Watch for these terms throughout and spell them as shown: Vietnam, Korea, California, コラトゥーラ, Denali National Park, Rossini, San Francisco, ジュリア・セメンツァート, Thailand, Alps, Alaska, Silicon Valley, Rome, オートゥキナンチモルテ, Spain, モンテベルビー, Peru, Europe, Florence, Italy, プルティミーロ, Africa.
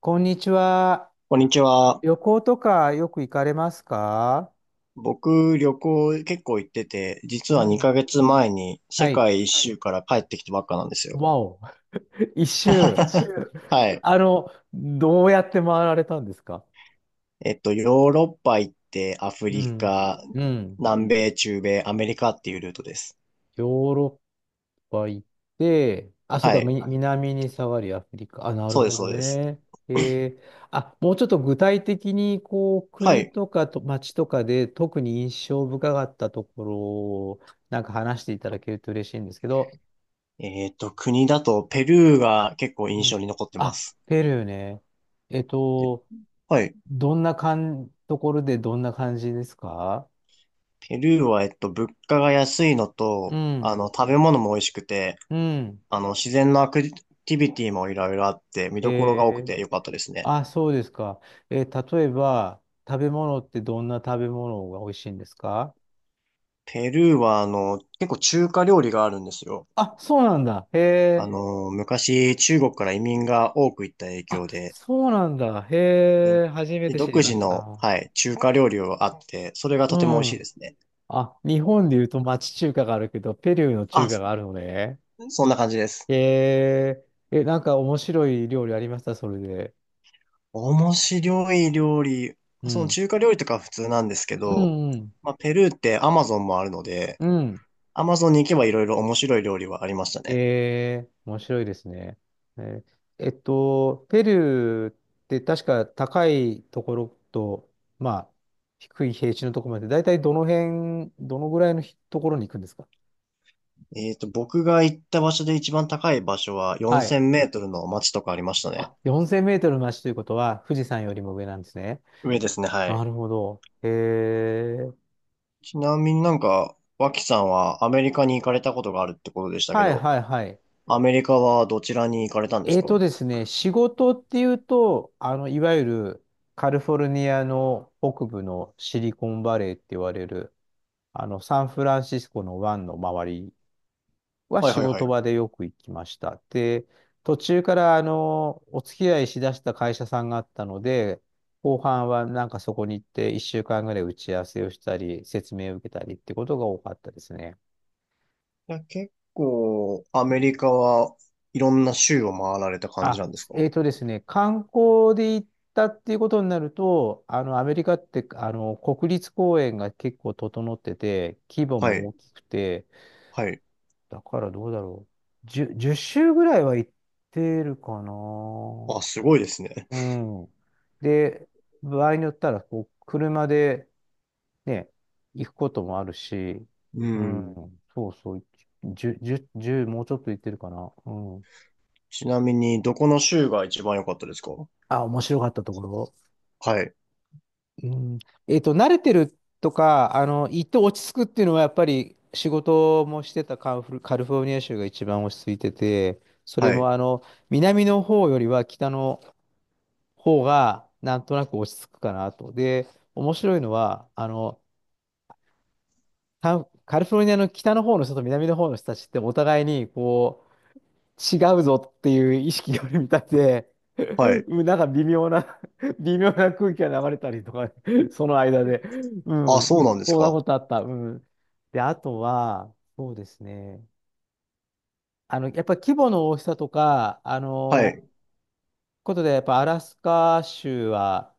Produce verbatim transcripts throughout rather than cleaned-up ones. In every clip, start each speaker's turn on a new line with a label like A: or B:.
A: こんにちは。
B: こんにちは。
A: 旅行とかよく行かれますか？
B: 僕、旅行結構行ってて、実
A: う
B: は
A: ん。
B: にかげつまえに世
A: はい。
B: 界一はい。周から帰ってきたばっかなんですよ。
A: わお。いっしゅう。
B: いっしゅう。はい。
A: あの、どうやって回られたんですか？
B: えっと、ヨーロッパ行って、アフ
A: う
B: リ
A: ん。
B: カ、
A: うん。
B: 南米、中米、アメリカっていうルートです。
A: ヨーロッパ行って、あ、そう
B: は
A: か、
B: い。
A: み南に下がりアフリカ。あ、なる
B: そうで
A: ほ
B: す、
A: ど
B: そうです。
A: ね。えー、あ、もうちょっと具体的に、こう、
B: は
A: 国
B: い。
A: とかと街とかで特に印象深かったところを、なんか話していただけると嬉しいんですけど。
B: えっと、国だとペルーが結構
A: う
B: 印象
A: ん。
B: に残ってま
A: あ、
B: す。
A: ペルーね。えっ
B: で
A: と、
B: はい。
A: どんなかん、ところでどんな感じですか？
B: ペルーは、えっと、物価が安いの
A: う
B: と、あ
A: ん。
B: の、食べ物も美味しくて、
A: うん。
B: あの、自然のアクティビティもいろいろあって、見どころ
A: え
B: が多く
A: ー、
B: てよかったですね。
A: あ、そうですか。えー例えば、食べ物ってどんな食べ物が美味しいんですか？
B: ペルーは、あの、結構中華料理があるんですよ。
A: あ、そうなんだ。へ
B: あ
A: え。
B: の、昔、中国から移民が多く行った影
A: あ、
B: 響で、
A: そうなんだ。
B: で、
A: へえ。初め
B: で
A: て知
B: 独
A: りま
B: 自
A: し
B: の、
A: た。
B: はい、中華料理があって、それが
A: う
B: とても美味しいで
A: ん。
B: すね。
A: あ、日本で言うと町中華があるけど、ペルーの中
B: あ、
A: 華が
B: そ
A: あるのね。
B: そんな感じです。
A: へえ。え、なんか面白い料理ありました？それで。
B: 面白い料理、
A: う
B: その
A: ん。
B: 中華料理とかは普通なんですけ
A: う
B: ど、
A: ん、うん。
B: まあ、ペルーってアマゾンもあるので、
A: うん。
B: アマゾンに行けばいろいろ面白い料理はありましたね。
A: えー、面白いですね。えーえっと、ペルーって確か高いところと、まあ、低い平地のところまで、だいたいどの辺、どのぐらいのひところに行くんですか？
B: えっと、僕が行った場所で一番高い場所は4000
A: はい。
B: メートルの街とかありましたね。
A: あ、よんせんメートルの足ということは、富士山よりも上なんですね。
B: 上ですね、はい。
A: なるほど。えー、
B: ちなみになんか、脇さんはアメリカに行かれたことがあるってことでしたけ
A: はい
B: ど、
A: はいはい。
B: アメリカはどちらに行かれたんです
A: えーと
B: か？
A: ですね、仕事っていうと、あの、いわゆるカリフォルニアの北部のシリコンバレーって言われる、あの、サンフランシスコの湾の周りは
B: はい
A: 仕
B: はいはい。い
A: 事場でよく行きました。で、途中からあの、お付き合いしだした会社さんがあったので、後半はなんかそこに行っていっしゅうかんぐらい打ち合わせをしたり、説明を受けたりってことが多かったですね。
B: や、結構、アメリカはいろんな州を回られた感じ
A: あ、
B: なんです
A: え
B: か？
A: ーとですね、観光で行ったっていうことになると、あの、アメリカって、あの、国立公園が結構整ってて、規模
B: は
A: も
B: い、
A: 大きくて、
B: はい。
A: だからどうだろう。じゅう、いっ周ぐらいは行ってるかな。
B: あ、すごいですね。
A: うん。で、場合によったら、こう、車でね、行くこともあるし、
B: う
A: う
B: ん。
A: ん、そうそう、じゅう、いちもうちょっと行ってるかな。うん。
B: ちなみに、どこの州が一番良かったですか？
A: あ、面白かったところ。
B: はい、
A: うん、えっと、慣れてるとか、あの、行って落ち着くっていうのは、やっぱり仕事もしてたカンフル、カリフォルニア州が一番落ち着いてて、それ
B: は
A: も
B: い、
A: あの、南の方よりは北の方が、なんとなく落ち着くかなと。で、面白いのは、あの、カンカリフォルニアの北の方の人と南の方の人たちってお互いに、こ違うぞっていう意識があるみたいで、
B: はい。
A: うんなんか微妙な 微妙な空気が流れたりとか、その間で。う
B: あ、
A: ん。
B: そうなんです
A: そんな
B: か？
A: ことあった。うん。で、あとは、そうですね。あの、やっぱり規模の大きさとか、あ
B: は
A: の、
B: い。
A: ことで、やっぱアラスカ州は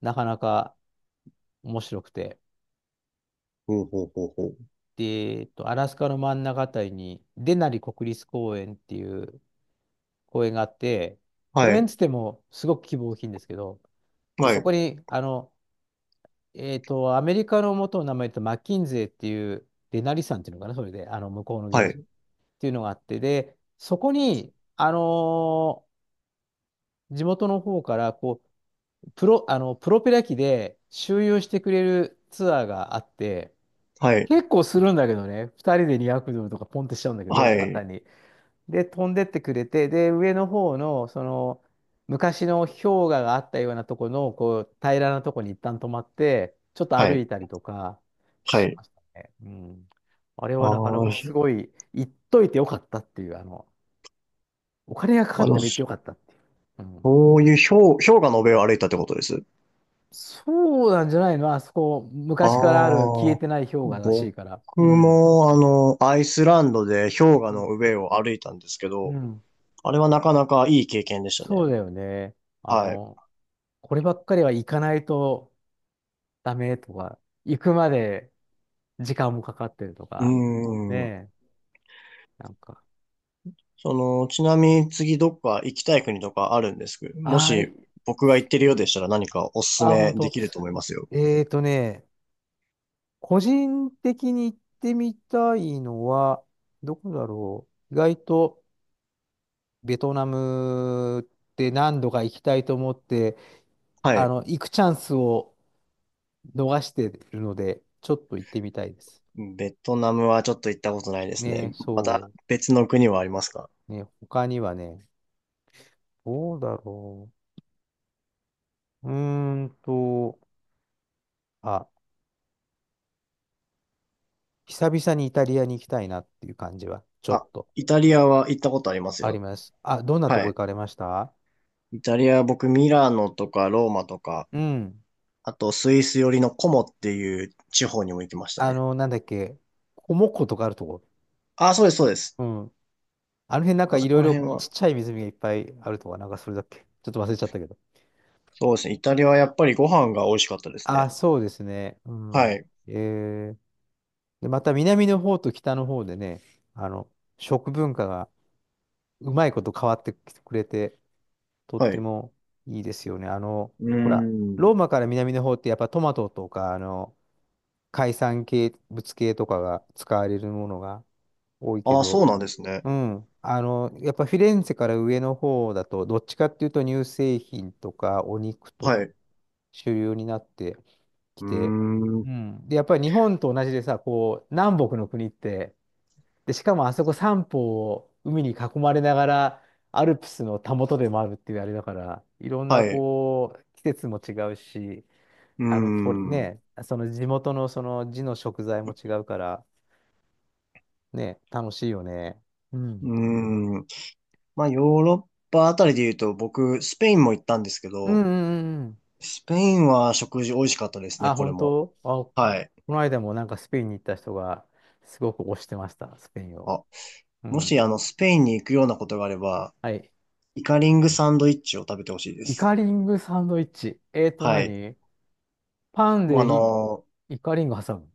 A: なかなか面白くて。
B: ほうほうほうほう。
A: で、えっと、アラスカの真ん中あたりに、デナリ国立公園っていう公園があって、
B: は
A: 公園っ
B: い。
A: つってもすごく規模大きいんですけど、で、
B: は
A: そ
B: い。
A: こに、あの、えっと、アメリカの元の名前とマッキンゼーっていう、デナリ山っていうのかな、それで、あの、向こうの
B: は
A: 現地っ
B: い。
A: ていうのがあって、で、そこに、あのー地元の方から、こう、プロ、あの、プロペラ機で周遊してくれるツアーがあって、
B: はい。
A: 結構するんだけどね。ふたりでにひゃくドルとかポンってしちゃうんだけど、
B: は
A: 簡
B: い。
A: 単に。で、飛んでってくれて、で、上の方の、その、昔の氷河があったようなとこの、こう、平らなとこに一旦止まって、ちょっと
B: は
A: 歩
B: い。
A: いたりとか
B: は
A: し
B: い。
A: ましたね。うん。あれ
B: あ
A: はなかな
B: あ、
A: かす
B: ひ
A: ごい、行っといてよかったっていう、あの、お金がかか
B: あ
A: って
B: の、
A: も行ってよかったっていう。うん。
B: そういう氷、氷河の上を歩いたってことです。
A: そうなんじゃないの、あそこ、
B: あ
A: 昔からある消え
B: あ、
A: てない氷河らしい
B: 僕
A: から。うん。
B: も、あの、アイスランドで氷河
A: う
B: の
A: ん。
B: 上を歩いたんですけ
A: う
B: ど、
A: ん、
B: あれはなかなかいい経験でした
A: そ
B: ね。
A: うだよね。あ
B: はい。
A: の、こればっかりは行かないとダメとか、行くまで時間もかかってると
B: う
A: か、ね
B: ーん。
A: え、なんか、
B: その、ちなみに次どっか行きたい国とかあるんですけど、も
A: あー
B: し
A: い
B: 僕が行ってるようでしたら何かおすす
A: あ、
B: め
A: 本
B: で
A: 当。
B: きると思いますよ。
A: えーとね、個人的に行ってみたいのは、どこだろう。意外とベトナムって何度か行きたいと思って、
B: は
A: あ
B: い。
A: の、行くチャンスを逃してるので、ちょっと行ってみたいです。
B: ベトナムはちょっと行ったことないです
A: ね、
B: ね。また
A: そ
B: 別の国はありますか？
A: う。ね、他にはね、どうだろう。うーんと、あ、久々にイタリアに行きたいなっていう感じはちょっ
B: あ、
A: と
B: イタリアは行ったことあります
A: あり
B: よ。
A: ます。あ、どんなと
B: は
A: こ行
B: い。
A: かれました？
B: イタリアは僕ミラノとかローマとか、
A: うん。
B: あとスイス寄りのコモっていう地方にも行きました
A: あ
B: ね。
A: の、なんだっけ、コモッコとかあるとこ。
B: あ、そうです、そうです。
A: うん。あの辺なんか
B: あ
A: い
B: そ
A: ろ
B: こ
A: い
B: ら
A: ろ
B: 辺
A: ちっ
B: は。
A: ちゃい湖がいっぱいあるとか、なんかそれだっけ。ちょっと忘れちゃったけど。
B: そうですね。イタリアはやっぱりご飯が美味しかったです
A: あ、
B: ね。
A: そうですね。う
B: は
A: ん。
B: い。
A: えー、で、また南の方と北の方でね、あの、食文化がうまいこと変わってきてくれて、とっ
B: は
A: て
B: い。
A: もいいですよね。あの、
B: うー
A: ほら、
B: ん。
A: ローマから南の方ってやっぱトマトとか、あの、海産系物系とかが使われるものが多いけ
B: あ、そ
A: ど、
B: うなんですね。
A: うん、あの、やっぱフィレンツェから上の方だと、どっちかっていうと乳製品とかお肉と
B: はい。
A: か
B: う
A: 主流になってき
B: ー
A: て、
B: ん。
A: うん、で、やっぱり日本と同じでさ、こう、南北の国って、で、しかもあそこさんぽうを海に囲まれながら、アルプスのたもとでもあるっていうあれだから、いろんな
B: はい。
A: こう、季節も違うし、
B: うー
A: あの、と、
B: ん。う
A: ね、その地元のその地の食材も違うから、ね、楽しいよね。う
B: ー
A: ん。
B: ん。まあ、ヨーロッパあたりで言うと、僕、スペインも行ったんですけ
A: うん
B: ど、
A: うんうんうん。
B: スペインは食事美味しかったですね、
A: あ、
B: これ
A: 本
B: も。
A: 当、あ、こ
B: はい。
A: の間もなんかスペインに行った人が、すごく推してました、スペインを。
B: あ、
A: う
B: もし、あ
A: ん。
B: の、スペインに行くようなことがあれば、
A: はい。
B: イカリングサンドイッチを食べてほしいで
A: イ
B: す。
A: カリングサンドイッチ。えーと
B: はい。
A: 何、パン
B: もうあ
A: でひ
B: の
A: イカリング挟む。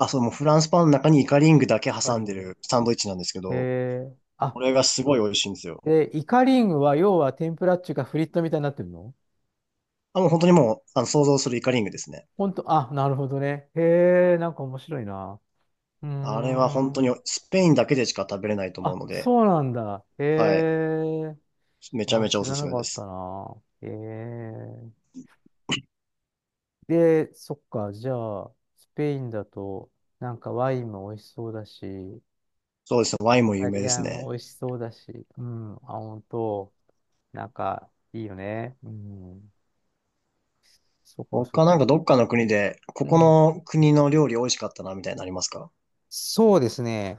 B: ーあ、そう、もうフランスパンの中にイカリングだけ
A: イカ
B: 挟
A: リ
B: んで
A: ング。
B: るサンドイッチなんですけど、
A: えー、あ、
B: これがすごい美味しいんですよ。
A: で、イカリングは要は天ぷらっていうかフリットみたいになってるの？
B: あ、もう本当にもう、あの、想像するイカリングですね。
A: ほんと、あ、なるほどね。へえ、なんか面白いな。うー
B: あれは本当
A: ん。
B: にスペインだけでしか食べれないと思う
A: あ、
B: ので、
A: そうなんだ。へ
B: はい。
A: え。
B: めちゃ
A: あ、
B: めちゃ
A: 知
B: おす
A: ら
B: す
A: な
B: め
A: か
B: で
A: った
B: す。
A: な。へえ。で、そっか、じゃあ、スペインだと、なんかワインも美味しそうだし、イ
B: そうですね。ワインも有
A: タ
B: 名
A: リ
B: で
A: ア
B: す
A: ンも
B: ね。
A: 美味しそうだし、うん、あ、ほんと、なんか、いいよね。うん。そっか、そっ
B: 他なんか
A: か。
B: どっかの国で、こ
A: う
B: こ
A: ん。
B: の国の料理美味しかったな、みたいなのありますか？
A: そうですね。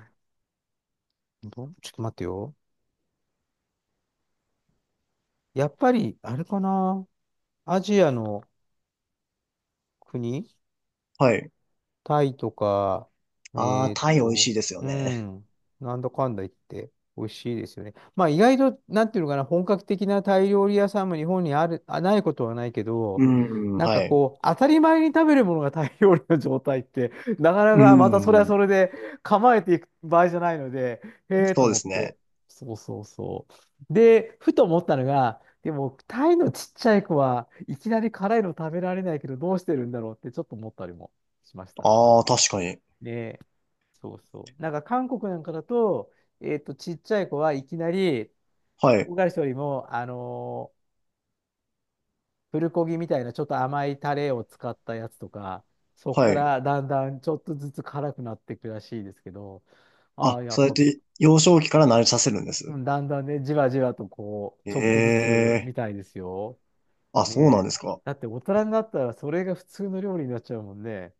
A: どちょっと待ってよ。やっぱり、あれかな。アジアの国、
B: はい。
A: タイとか、え
B: ああ、
A: ーっ
B: タイ美味し
A: と、
B: いですよ
A: う
B: ね。
A: ん、なんだかんだ言って、美味しいですよね。まあ意外と、なんていうのかな、本格的なタイ料理屋さんも日本にある、あ、ないことはないけ
B: う
A: ど、
B: ん、
A: なんか
B: はい。
A: こう、当たり前に食べるものがタイ料理の状態って、なかな
B: う
A: かまたそれは
B: ん、
A: それで構えていく場合じゃないので、へえと
B: そうで
A: 思っ
B: す
A: て。
B: ね。
A: そうそうそう。で、ふと思ったのが、でも、タイのちっちゃい子はいきなり辛いの食べられないけど、どうしてるんだろうってちょっと思ったりもしました。
B: ああ、確かに。
A: そうそう。なんか韓国なんかだと、えっと、ちっちゃい子はいきなり、
B: はい、
A: 唐辛子よりも、あのープルコギみたいなちょっと甘いタレを使ったやつとか、そこか
B: はい。
A: らだんだんちょっとずつ辛くなっていくらしいですけど、あ
B: あ、
A: あ、や
B: そ
A: っ
B: うやっ
A: ぱ、
B: て幼少期から慣れさせるんで
A: う
B: す
A: ん、だんだんね、じわじわとこう、ちょっとず
B: え
A: つ
B: え、
A: みたいですよ。
B: あ、
A: ね
B: そうなんです
A: え。
B: か？
A: だって大人になったらそれが普通の料理になっちゃうもんね。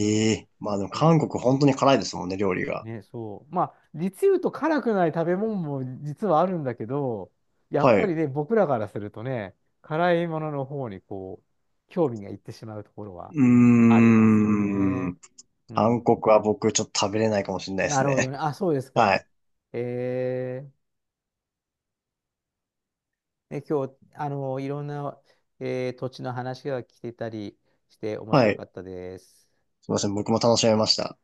A: うん、ね
B: え、まあでも
A: え、
B: 韓国本当に辛いですもんね、料理が。
A: ね、そう。まあ、実言うと辛くない食べ物も実はあるんだけど、やっ
B: はい。
A: ぱり
B: う
A: ね、僕らからするとね、辛いものの方にこう、興味がいってしまうところはあ
B: ー
A: りますよね。
B: ん。
A: う
B: 韓
A: ん。
B: 国は僕ちょっと食べれないかもしれないで
A: な
B: す
A: るほど
B: ね。
A: ね。あ、そうです
B: は
A: か。
B: い。
A: えー、ね、今日、あの、いろんな、えー土地の話が来てたりして面
B: は
A: 白
B: い。
A: かったです。
B: すいません、僕も楽しめました。